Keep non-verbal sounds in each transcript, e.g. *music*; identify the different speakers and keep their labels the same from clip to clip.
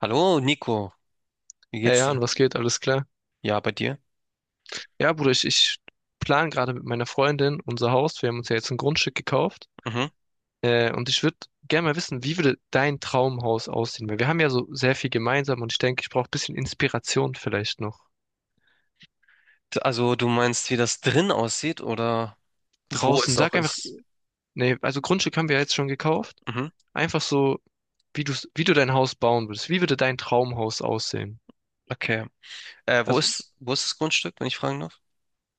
Speaker 1: Hallo, Nico. Wie
Speaker 2: Hey
Speaker 1: geht's
Speaker 2: Jan,
Speaker 1: dir?
Speaker 2: was geht? Alles klar?
Speaker 1: Ja, bei dir?
Speaker 2: Ja, Bruder, ich plane gerade mit meiner Freundin unser Haus. Wir haben uns ja jetzt ein Grundstück gekauft.
Speaker 1: Mhm.
Speaker 2: Und ich würde gerne mal wissen, wie würde dein Traumhaus aussehen? Weil wir haben ja so sehr viel gemeinsam und ich denke, ich brauche ein bisschen Inspiration vielleicht noch.
Speaker 1: Also, du meinst, wie das drin aussieht oder wo
Speaker 2: Draußen,
Speaker 1: es auch
Speaker 2: sag einfach,
Speaker 1: ist?
Speaker 2: nee, also Grundstück haben wir ja jetzt schon gekauft.
Speaker 1: Mhm.
Speaker 2: Einfach so, wie du dein Haus bauen würdest. Wie würde dein Traumhaus aussehen?
Speaker 1: Okay.
Speaker 2: Also,
Speaker 1: Wo ist das Grundstück, wenn ich fragen darf?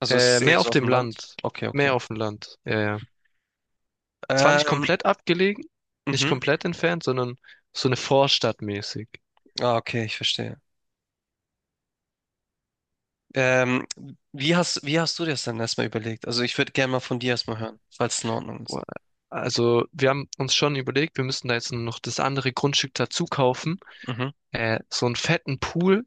Speaker 1: Also, ist es eher
Speaker 2: mehr auf
Speaker 1: so auf
Speaker 2: dem
Speaker 1: dem Land?
Speaker 2: Land.
Speaker 1: Okay,
Speaker 2: Mehr
Speaker 1: okay.
Speaker 2: auf dem Land. Ja, ja. Zwar nicht
Speaker 1: Ähm,
Speaker 2: komplett abgelegen, nicht
Speaker 1: mhm.
Speaker 2: komplett entfernt, sondern so eine Vorstadt mäßig.
Speaker 1: Ah, okay, ich verstehe. Ähm, wie hast du dir das dann erstmal überlegt? Also, ich würde gerne mal von dir erstmal hören, falls es in Ordnung ist.
Speaker 2: Boah, also wir haben uns schon überlegt, wir müssen da jetzt noch das andere Grundstück dazu kaufen.
Speaker 1: Mhm.
Speaker 2: So einen fetten Pool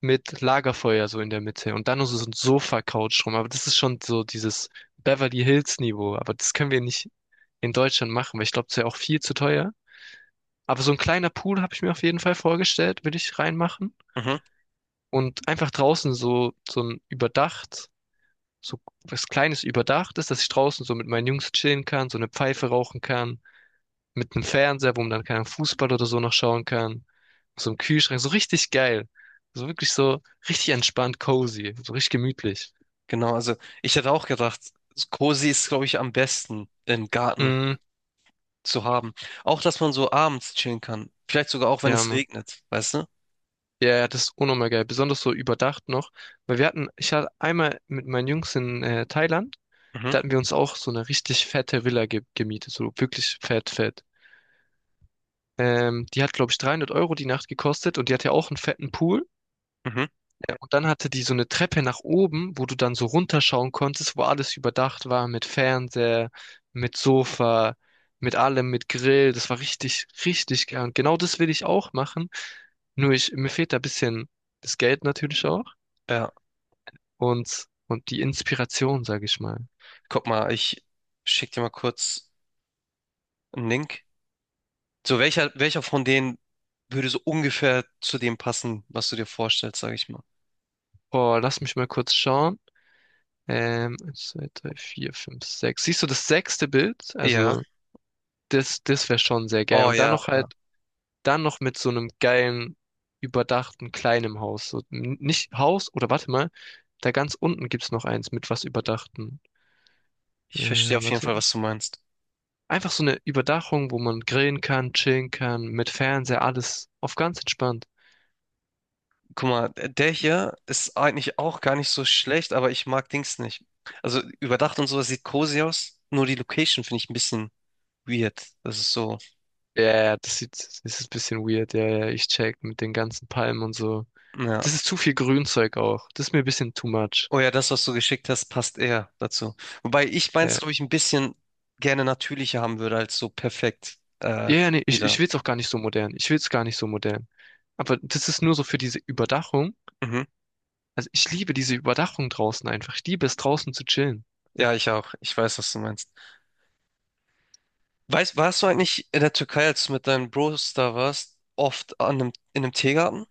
Speaker 2: mit Lagerfeuer so in der Mitte und dann noch so ein Sofa-Couch rum. Aber das ist schon so dieses Beverly Hills-Niveau. Aber das können wir nicht in Deutschland machen, weil ich glaube, das wäre auch viel zu teuer. Aber so ein kleiner Pool habe ich mir auf jeden Fall vorgestellt, will ich reinmachen.
Speaker 1: Mhm.
Speaker 2: Und einfach draußen so, so ein überdacht. So was Kleines überdachtes, dass ich draußen so mit meinen Jungs chillen kann, so eine Pfeife rauchen kann, mit einem Fernseher, wo man dann keinen Fußball oder so noch schauen kann, so einem Kühlschrank, so richtig geil. So wirklich so richtig entspannt, cozy, so richtig gemütlich.
Speaker 1: Genau, also, ich hätte auch gedacht, Cozy ist, glaube ich, am besten im Garten
Speaker 2: Mm,
Speaker 1: zu haben. Auch, dass man so abends chillen kann. Vielleicht sogar auch, wenn
Speaker 2: ja,
Speaker 1: es
Speaker 2: Mann.
Speaker 1: regnet, weißt du?
Speaker 2: Ja, ja, das ist unnormal geil, besonders so überdacht noch, ich hatte einmal mit meinen Jungs in Thailand,
Speaker 1: Mhm,
Speaker 2: da hatten wir uns auch so eine richtig fette Villa ge gemietet, so wirklich fett, fett. Die hat, glaube ich, 300 Euro die Nacht gekostet und die hatte auch einen fetten Pool.
Speaker 1: mhm.
Speaker 2: Ja, und dann hatte die so eine Treppe nach oben, wo du dann so runterschauen konntest, wo alles überdacht war mit Fernseher, mit Sofa, mit allem, mit Grill. Das war richtig, richtig geil. Und genau das will ich auch machen. Nur ich, mir fehlt da ein bisschen das Geld natürlich auch
Speaker 1: Ja,
Speaker 2: und die Inspiration, sage ich mal.
Speaker 1: guck mal, ich schick dir mal kurz einen Link. So, welcher von denen würde so ungefähr zu dem passen, was du dir vorstellst, sag ich mal.
Speaker 2: Boah, lass mich mal kurz schauen. Eins, zwei, drei, vier, fünf, sechs. Siehst du das sechste Bild?
Speaker 1: Ja,
Speaker 2: Also das wäre schon sehr geil.
Speaker 1: oh ja, ja.
Speaker 2: Dann noch mit so einem geilen, überdachten, kleinen Haus. So, nicht Haus, oder warte mal, da ganz unten gibt's noch eins mit was Überdachten. Äh,
Speaker 1: Ich verstehe auf jeden
Speaker 2: Warte.
Speaker 1: Fall, was du meinst.
Speaker 2: Einfach so eine Überdachung, wo man grillen kann, chillen kann, mit Fernseher, alles auf ganz entspannt.
Speaker 1: Guck mal, der hier ist eigentlich auch gar nicht so schlecht, aber ich mag Dings nicht. Also überdacht und sowas sieht cozy aus, nur die Location finde ich ein bisschen weird. Das ist so,
Speaker 2: Ja, ja, ja, das ist ein bisschen weird. Ja, ja, ich check mit den ganzen Palmen und so.
Speaker 1: ja.
Speaker 2: Das ist zu viel Grünzeug auch. Das ist mir ein bisschen too much.
Speaker 1: Oh ja, das, was du geschickt hast, passt eher dazu. Wobei ich meins,
Speaker 2: Ja,
Speaker 1: glaube ich, ein bisschen gerne natürlicher haben würde, als so perfekt
Speaker 2: ja, ja, nee, ich,
Speaker 1: wieder.
Speaker 2: ich will's auch gar nicht so modern. Ich will's gar nicht so modern. Aber das ist nur so für diese Überdachung.
Speaker 1: Mhm.
Speaker 2: Also ich liebe diese Überdachung draußen einfach. Ich liebe es draußen zu chillen.
Speaker 1: Ja, ich auch. Ich weiß, was du meinst. Weißt, warst du eigentlich in der Türkei, als du mit deinen Bros da warst, oft an einem, in einem Teegarten?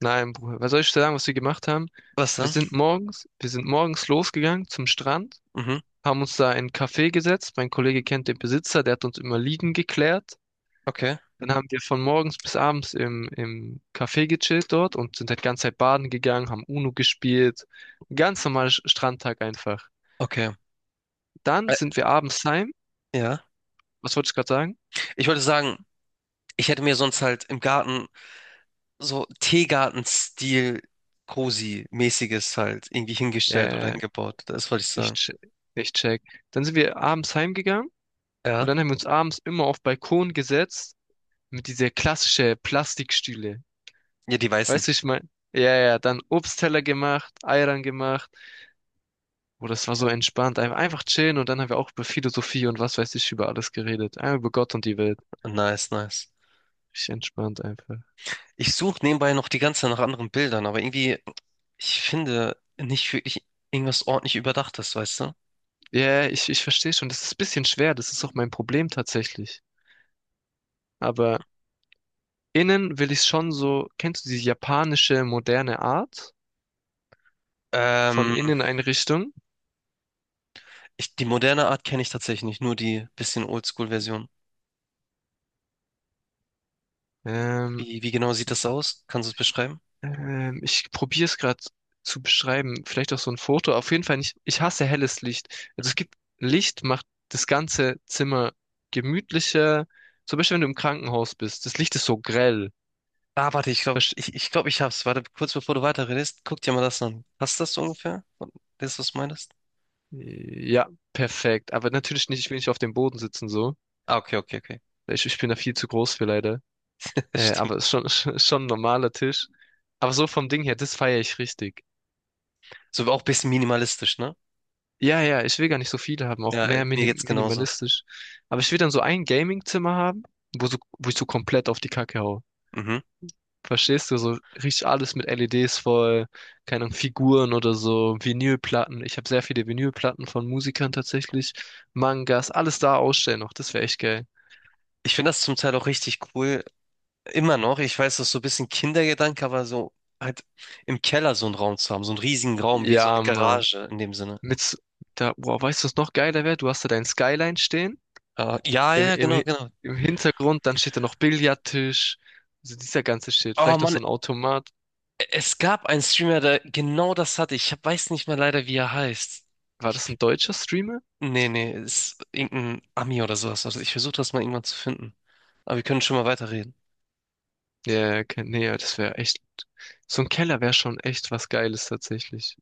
Speaker 2: Nein, Bruder, was soll ich dir sagen, was wir gemacht haben?
Speaker 1: Was
Speaker 2: Wir
Speaker 1: dann?
Speaker 2: sind morgens, wir sind morgens losgegangen zum Strand,
Speaker 1: Mhm.
Speaker 2: haben uns da in ein Café gesetzt. Mein Kollege kennt den Besitzer, der hat uns immer liegen geklärt.
Speaker 1: Okay.
Speaker 2: Dann haben wir von morgens bis abends im Café gechillt dort und sind halt die ganze Zeit baden gegangen, haben Uno gespielt. Ein ganz normaler Strandtag einfach.
Speaker 1: Okay.
Speaker 2: Dann
Speaker 1: Ä-
Speaker 2: sind wir abends heim.
Speaker 1: ja.
Speaker 2: Was wollte ich gerade sagen?
Speaker 1: Ich wollte sagen, ich hätte mir sonst halt im Garten so Teegarten-Stil Cozy-mäßiges halt irgendwie hingestellt oder
Speaker 2: Äh,
Speaker 1: hingebaut. Das wollte ich
Speaker 2: ich,
Speaker 1: sagen.
Speaker 2: che- ich check. Dann sind wir abends heimgegangen. Und
Speaker 1: Ja.
Speaker 2: dann haben wir uns abends immer auf Balkon gesetzt mit dieser klassische Plastikstühle.
Speaker 1: Ja, die Weißen.
Speaker 2: Weißt du, ich mein, ja, ja, dann Obstteller gemacht, Eiern gemacht. Oh, das war so entspannt. Einfach chillen und dann haben wir auch über Philosophie und was weiß ich über alles geredet. Einfach über Gott und die Welt.
Speaker 1: Nice, nice.
Speaker 2: Ich entspannt einfach.
Speaker 1: Ich suche nebenbei noch die ganze Zeit nach anderen Bildern, aber irgendwie, ich finde nicht wirklich irgendwas ordentlich Überdachtes, weißt du?
Speaker 2: Ja, ich verstehe schon. Das ist ein bisschen schwer. Das ist auch mein Problem tatsächlich. Aber innen will ich schon so, kennst du die japanische moderne Art von
Speaker 1: Ähm,
Speaker 2: Inneneinrichtung?
Speaker 1: ich, die moderne Art kenne ich tatsächlich nicht, nur die bisschen Oldschool-Version.
Speaker 2: Ähm,
Speaker 1: Wie genau sieht das aus? Kannst du es beschreiben?
Speaker 2: ich probiere es gerade zu beschreiben. Vielleicht auch so ein Foto. Auf jeden Fall nicht. Ich hasse helles Licht. Also es gibt Licht, macht das ganze Zimmer gemütlicher. Zum Beispiel, wenn du im Krankenhaus bist. Das Licht ist so grell.
Speaker 1: Ah, warte,
Speaker 2: Versch-
Speaker 1: ich glaube, ich hab's. Warte, kurz bevor du weiterredest, guck dir mal das an. Passt das so ungefähr? Das, was du meinst?
Speaker 2: Ja, perfekt. Aber natürlich nicht, ich will nicht auf dem Boden sitzen so.
Speaker 1: Ah, okay, okay, okay.
Speaker 2: Ich bin da viel zu groß für leider.
Speaker 1: *laughs*
Speaker 2: Äh,
Speaker 1: Stimmt.
Speaker 2: aber es ist schon, *laughs* ist schon ein normaler Tisch. Aber so vom Ding her, das feiere ich richtig.
Speaker 1: So auch ein bisschen minimalistisch, ne?
Speaker 2: Ja, ja, ich will gar nicht so viele haben, auch
Speaker 1: Ja,
Speaker 2: mehr
Speaker 1: mir geht's genauso.
Speaker 2: minimalistisch. Aber ich will dann so ein Gaming-Zimmer haben, wo ich so komplett auf die Kacke hau.
Speaker 1: Mhm.
Speaker 2: Verstehst du? So richtig alles mit LEDs voll, keine Ahnung, Figuren oder so, Vinylplatten. Ich habe sehr viele Vinylplatten von Musikern tatsächlich, Mangas, alles da ausstellen noch. Das wäre echt geil.
Speaker 1: Ich finde das zum Teil auch richtig cool, immer noch, ich weiß, das ist so ein bisschen Kindergedanke, aber so halt im Keller so einen Raum zu haben, so einen riesigen Raum, wie so eine
Speaker 2: Ja, Mann.
Speaker 1: Garage in dem Sinne.
Speaker 2: Mit, s- boah, weißt du, was noch geiler wäre? Du hast da dein Skyline stehen,
Speaker 1: Ah, ja, ja,
Speaker 2: im,
Speaker 1: ja,
Speaker 2: im,
Speaker 1: genau,
Speaker 2: Hi-
Speaker 1: genau.
Speaker 2: im Hintergrund, dann steht da noch Billardtisch. Also dieser ganze Shit.
Speaker 1: Oh
Speaker 2: Vielleicht noch
Speaker 1: Mann,
Speaker 2: so ein Automat.
Speaker 1: es gab einen Streamer, der genau das hatte. Ich hab- weiß nicht mehr leider, wie er heißt.
Speaker 2: War
Speaker 1: Ich,
Speaker 2: das ein deutscher Streamer?
Speaker 1: nee, nee, ist irgendein Ami oder sowas. Also ich versuche das mal irgendwann zu finden. Aber wir können schon mal weiterreden.
Speaker 2: Ja, ja, nee, ja, das wäre echt. So ein Keller wäre schon echt was Geiles tatsächlich.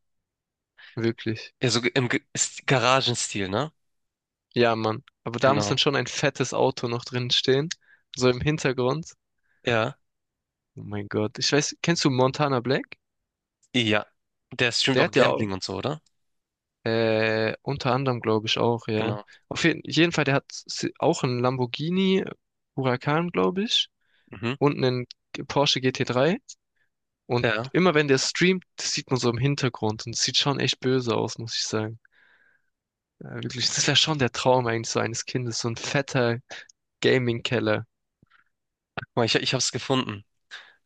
Speaker 2: Wirklich.
Speaker 1: Ja, so im ist Garagenstil, ne?
Speaker 2: Ja, Mann. Aber da muss
Speaker 1: Genau.
Speaker 2: dann schon ein fettes Auto noch drin stehen. So im Hintergrund.
Speaker 1: Ja.
Speaker 2: Oh mein Gott. Ich weiß, kennst du Montana Black?
Speaker 1: Ja. Der streamt
Speaker 2: Der
Speaker 1: auch
Speaker 2: hat ja auch,
Speaker 1: Gambling und so, oder?
Speaker 2: unter anderem, glaube ich, auch, ja.
Speaker 1: Genau.
Speaker 2: Auf jeden, jeden Fall, der hat auch einen Lamborghini Huracan, glaube ich.
Speaker 1: Mhm.
Speaker 2: Und einen Porsche GT3. Und
Speaker 1: Ja.
Speaker 2: immer wenn der streamt, das sieht man so im Hintergrund. Und es sieht schon echt böse aus, muss ich sagen. Ja, wirklich, das wäre schon der Traum eigentlich so eines Kindes, so ein fetter Gaming-Keller.
Speaker 1: Guck mal, ich hab's gefunden.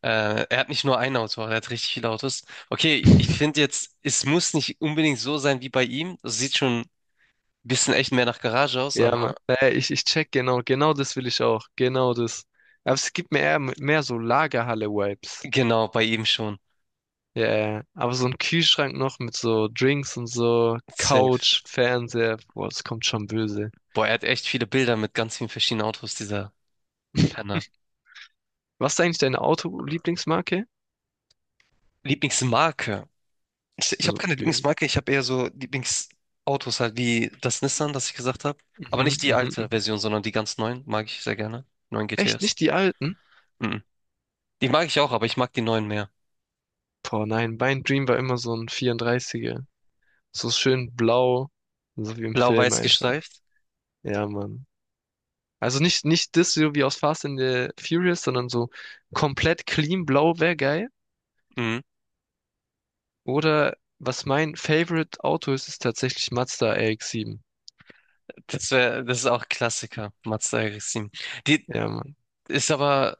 Speaker 1: Er hat nicht nur ein Auto, er hat richtig viele Autos. Okay, ich
Speaker 2: *laughs*
Speaker 1: finde jetzt, es muss nicht unbedingt so sein wie bei ihm. Es sieht schon ein bisschen echt mehr nach Garage aus,
Speaker 2: Ja, Mann.
Speaker 1: aber
Speaker 2: Ich check genau, genau das will ich auch. Genau das. Aber es gibt mir eher mehr so Lagerhalle-Vibes.
Speaker 1: genau, bei ihm schon.
Speaker 2: Ja, ja, ja, aber so ein Kühlschrank noch mit so Drinks und so,
Speaker 1: Safe.
Speaker 2: Couch, Fernseher, boah, das kommt schon böse.
Speaker 1: Boah, er hat echt viele Bilder mit ganz vielen verschiedenen Autos, dieser
Speaker 2: *laughs*
Speaker 1: Penner.
Speaker 2: Was ist eigentlich deine Auto-Lieblingsmarke?
Speaker 1: Lieblingsmarke. Ich
Speaker 2: Also,
Speaker 1: habe keine
Speaker 2: Bier.
Speaker 1: Lieblingsmarke, ich habe eher so Lieblingsautos halt, wie das Nissan, das ich gesagt habe. Aber
Speaker 2: Mhm,
Speaker 1: nicht die
Speaker 2: mhm,
Speaker 1: alte
Speaker 2: mhm.
Speaker 1: Version, sondern die ganz neuen mag ich sehr gerne. Neuen
Speaker 2: Echt nicht
Speaker 1: GTS.
Speaker 2: die alten?
Speaker 1: Mhm. Die mag ich auch, aber ich mag die neuen mehr.
Speaker 2: Boah, nein, mein Dream war immer so ein 34er. So schön blau, so wie im Film
Speaker 1: Blau-weiß
Speaker 2: einfach.
Speaker 1: gestreift.
Speaker 2: Ja, Mann. Also nicht, nicht das so wie aus Fast and the Furious, sondern so komplett clean blau wäre geil.
Speaker 1: Mhm.
Speaker 2: Oder was mein Favorite Auto ist, ist tatsächlich Mazda RX-7.
Speaker 1: Das wäre, das ist auch Klassiker, Mazda RX-7. Die
Speaker 2: Ja, Mann.
Speaker 1: ist aber,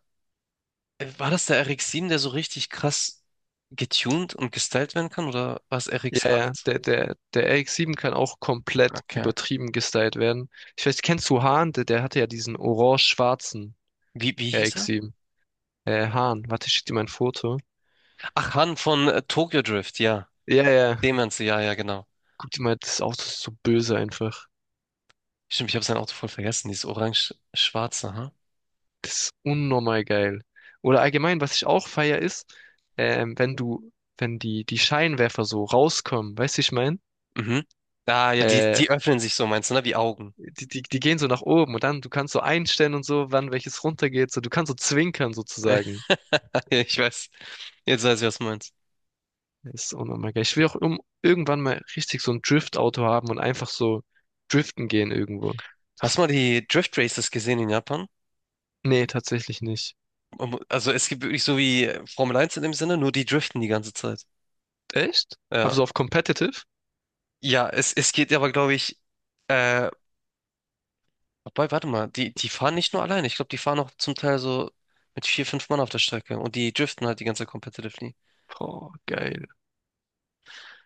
Speaker 1: war das der RX-7, der so richtig krass getuned und gestylt werden kann, oder war es
Speaker 2: Ja, ja,
Speaker 1: RX-8?
Speaker 2: der RX-7 kann auch komplett
Speaker 1: Okay.
Speaker 2: übertrieben gestylt werden. Ich weiß, kennst du Hahn? Der hatte ja diesen orange-schwarzen
Speaker 1: Wie hieß er?
Speaker 2: RX-7. Hahn, warte, ich schick dir mal ein Foto.
Speaker 1: Ach, Han von Tokyo Drift, ja.
Speaker 2: Ja, ja,
Speaker 1: Dem Ganze, ja, ja, genau.
Speaker 2: guck dir mal, das Auto ist so böse einfach.
Speaker 1: Stimmt, ich habe sein Auto voll vergessen, dieses orange-schwarze, ha?
Speaker 2: Das ist unnormal geil. Oder allgemein, was ich auch feier ist, ähm, wenn du, wenn die Scheinwerfer so rauskommen, weißt du, wie ich meine?
Speaker 1: Mhm. Ah, ja,
Speaker 2: Äh,
Speaker 1: die öffnen sich so, meinst du, ne? Wie Augen.
Speaker 2: die gehen so nach oben und dann, du kannst so einstellen und so, wann welches runtergeht, so, du kannst so zwinkern
Speaker 1: *laughs*
Speaker 2: sozusagen.
Speaker 1: Ja, ich weiß. Jetzt weiß ich, was du meinst.
Speaker 2: Das ist unnormal geil. Ich will auch irgendwann mal richtig so ein Drift-Auto haben und einfach so driften gehen irgendwo.
Speaker 1: Hast
Speaker 2: Das,
Speaker 1: du mal die Drift Races gesehen in Japan?
Speaker 2: nee, tatsächlich nicht.
Speaker 1: Also es gibt wirklich so wie Formel 1 in dem Sinne, nur die driften die ganze Zeit.
Speaker 2: Echt? Aber
Speaker 1: Ja.
Speaker 2: so auf Competitive?
Speaker 1: Es geht aber, glaube ich, äh, wobei, warte mal, die fahren nicht nur alleine. Ich glaube, die fahren auch zum Teil so mit vier, fünf Mann auf der Strecke und die driften halt die ganze Zeit competitively.
Speaker 2: Boah, geil,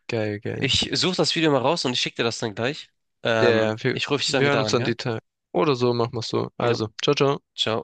Speaker 2: geil, geil.
Speaker 1: Ich suche das Video mal raus und ich schicke dir das dann gleich.
Speaker 2: Ja, wir,
Speaker 1: Ich rufe dich dann
Speaker 2: wir hören
Speaker 1: wieder
Speaker 2: uns
Speaker 1: an,
Speaker 2: dann
Speaker 1: ja?
Speaker 2: die Tage. Oder so, machen wir es so.
Speaker 1: Ja,
Speaker 2: Also, ciao, ciao.
Speaker 1: ciao.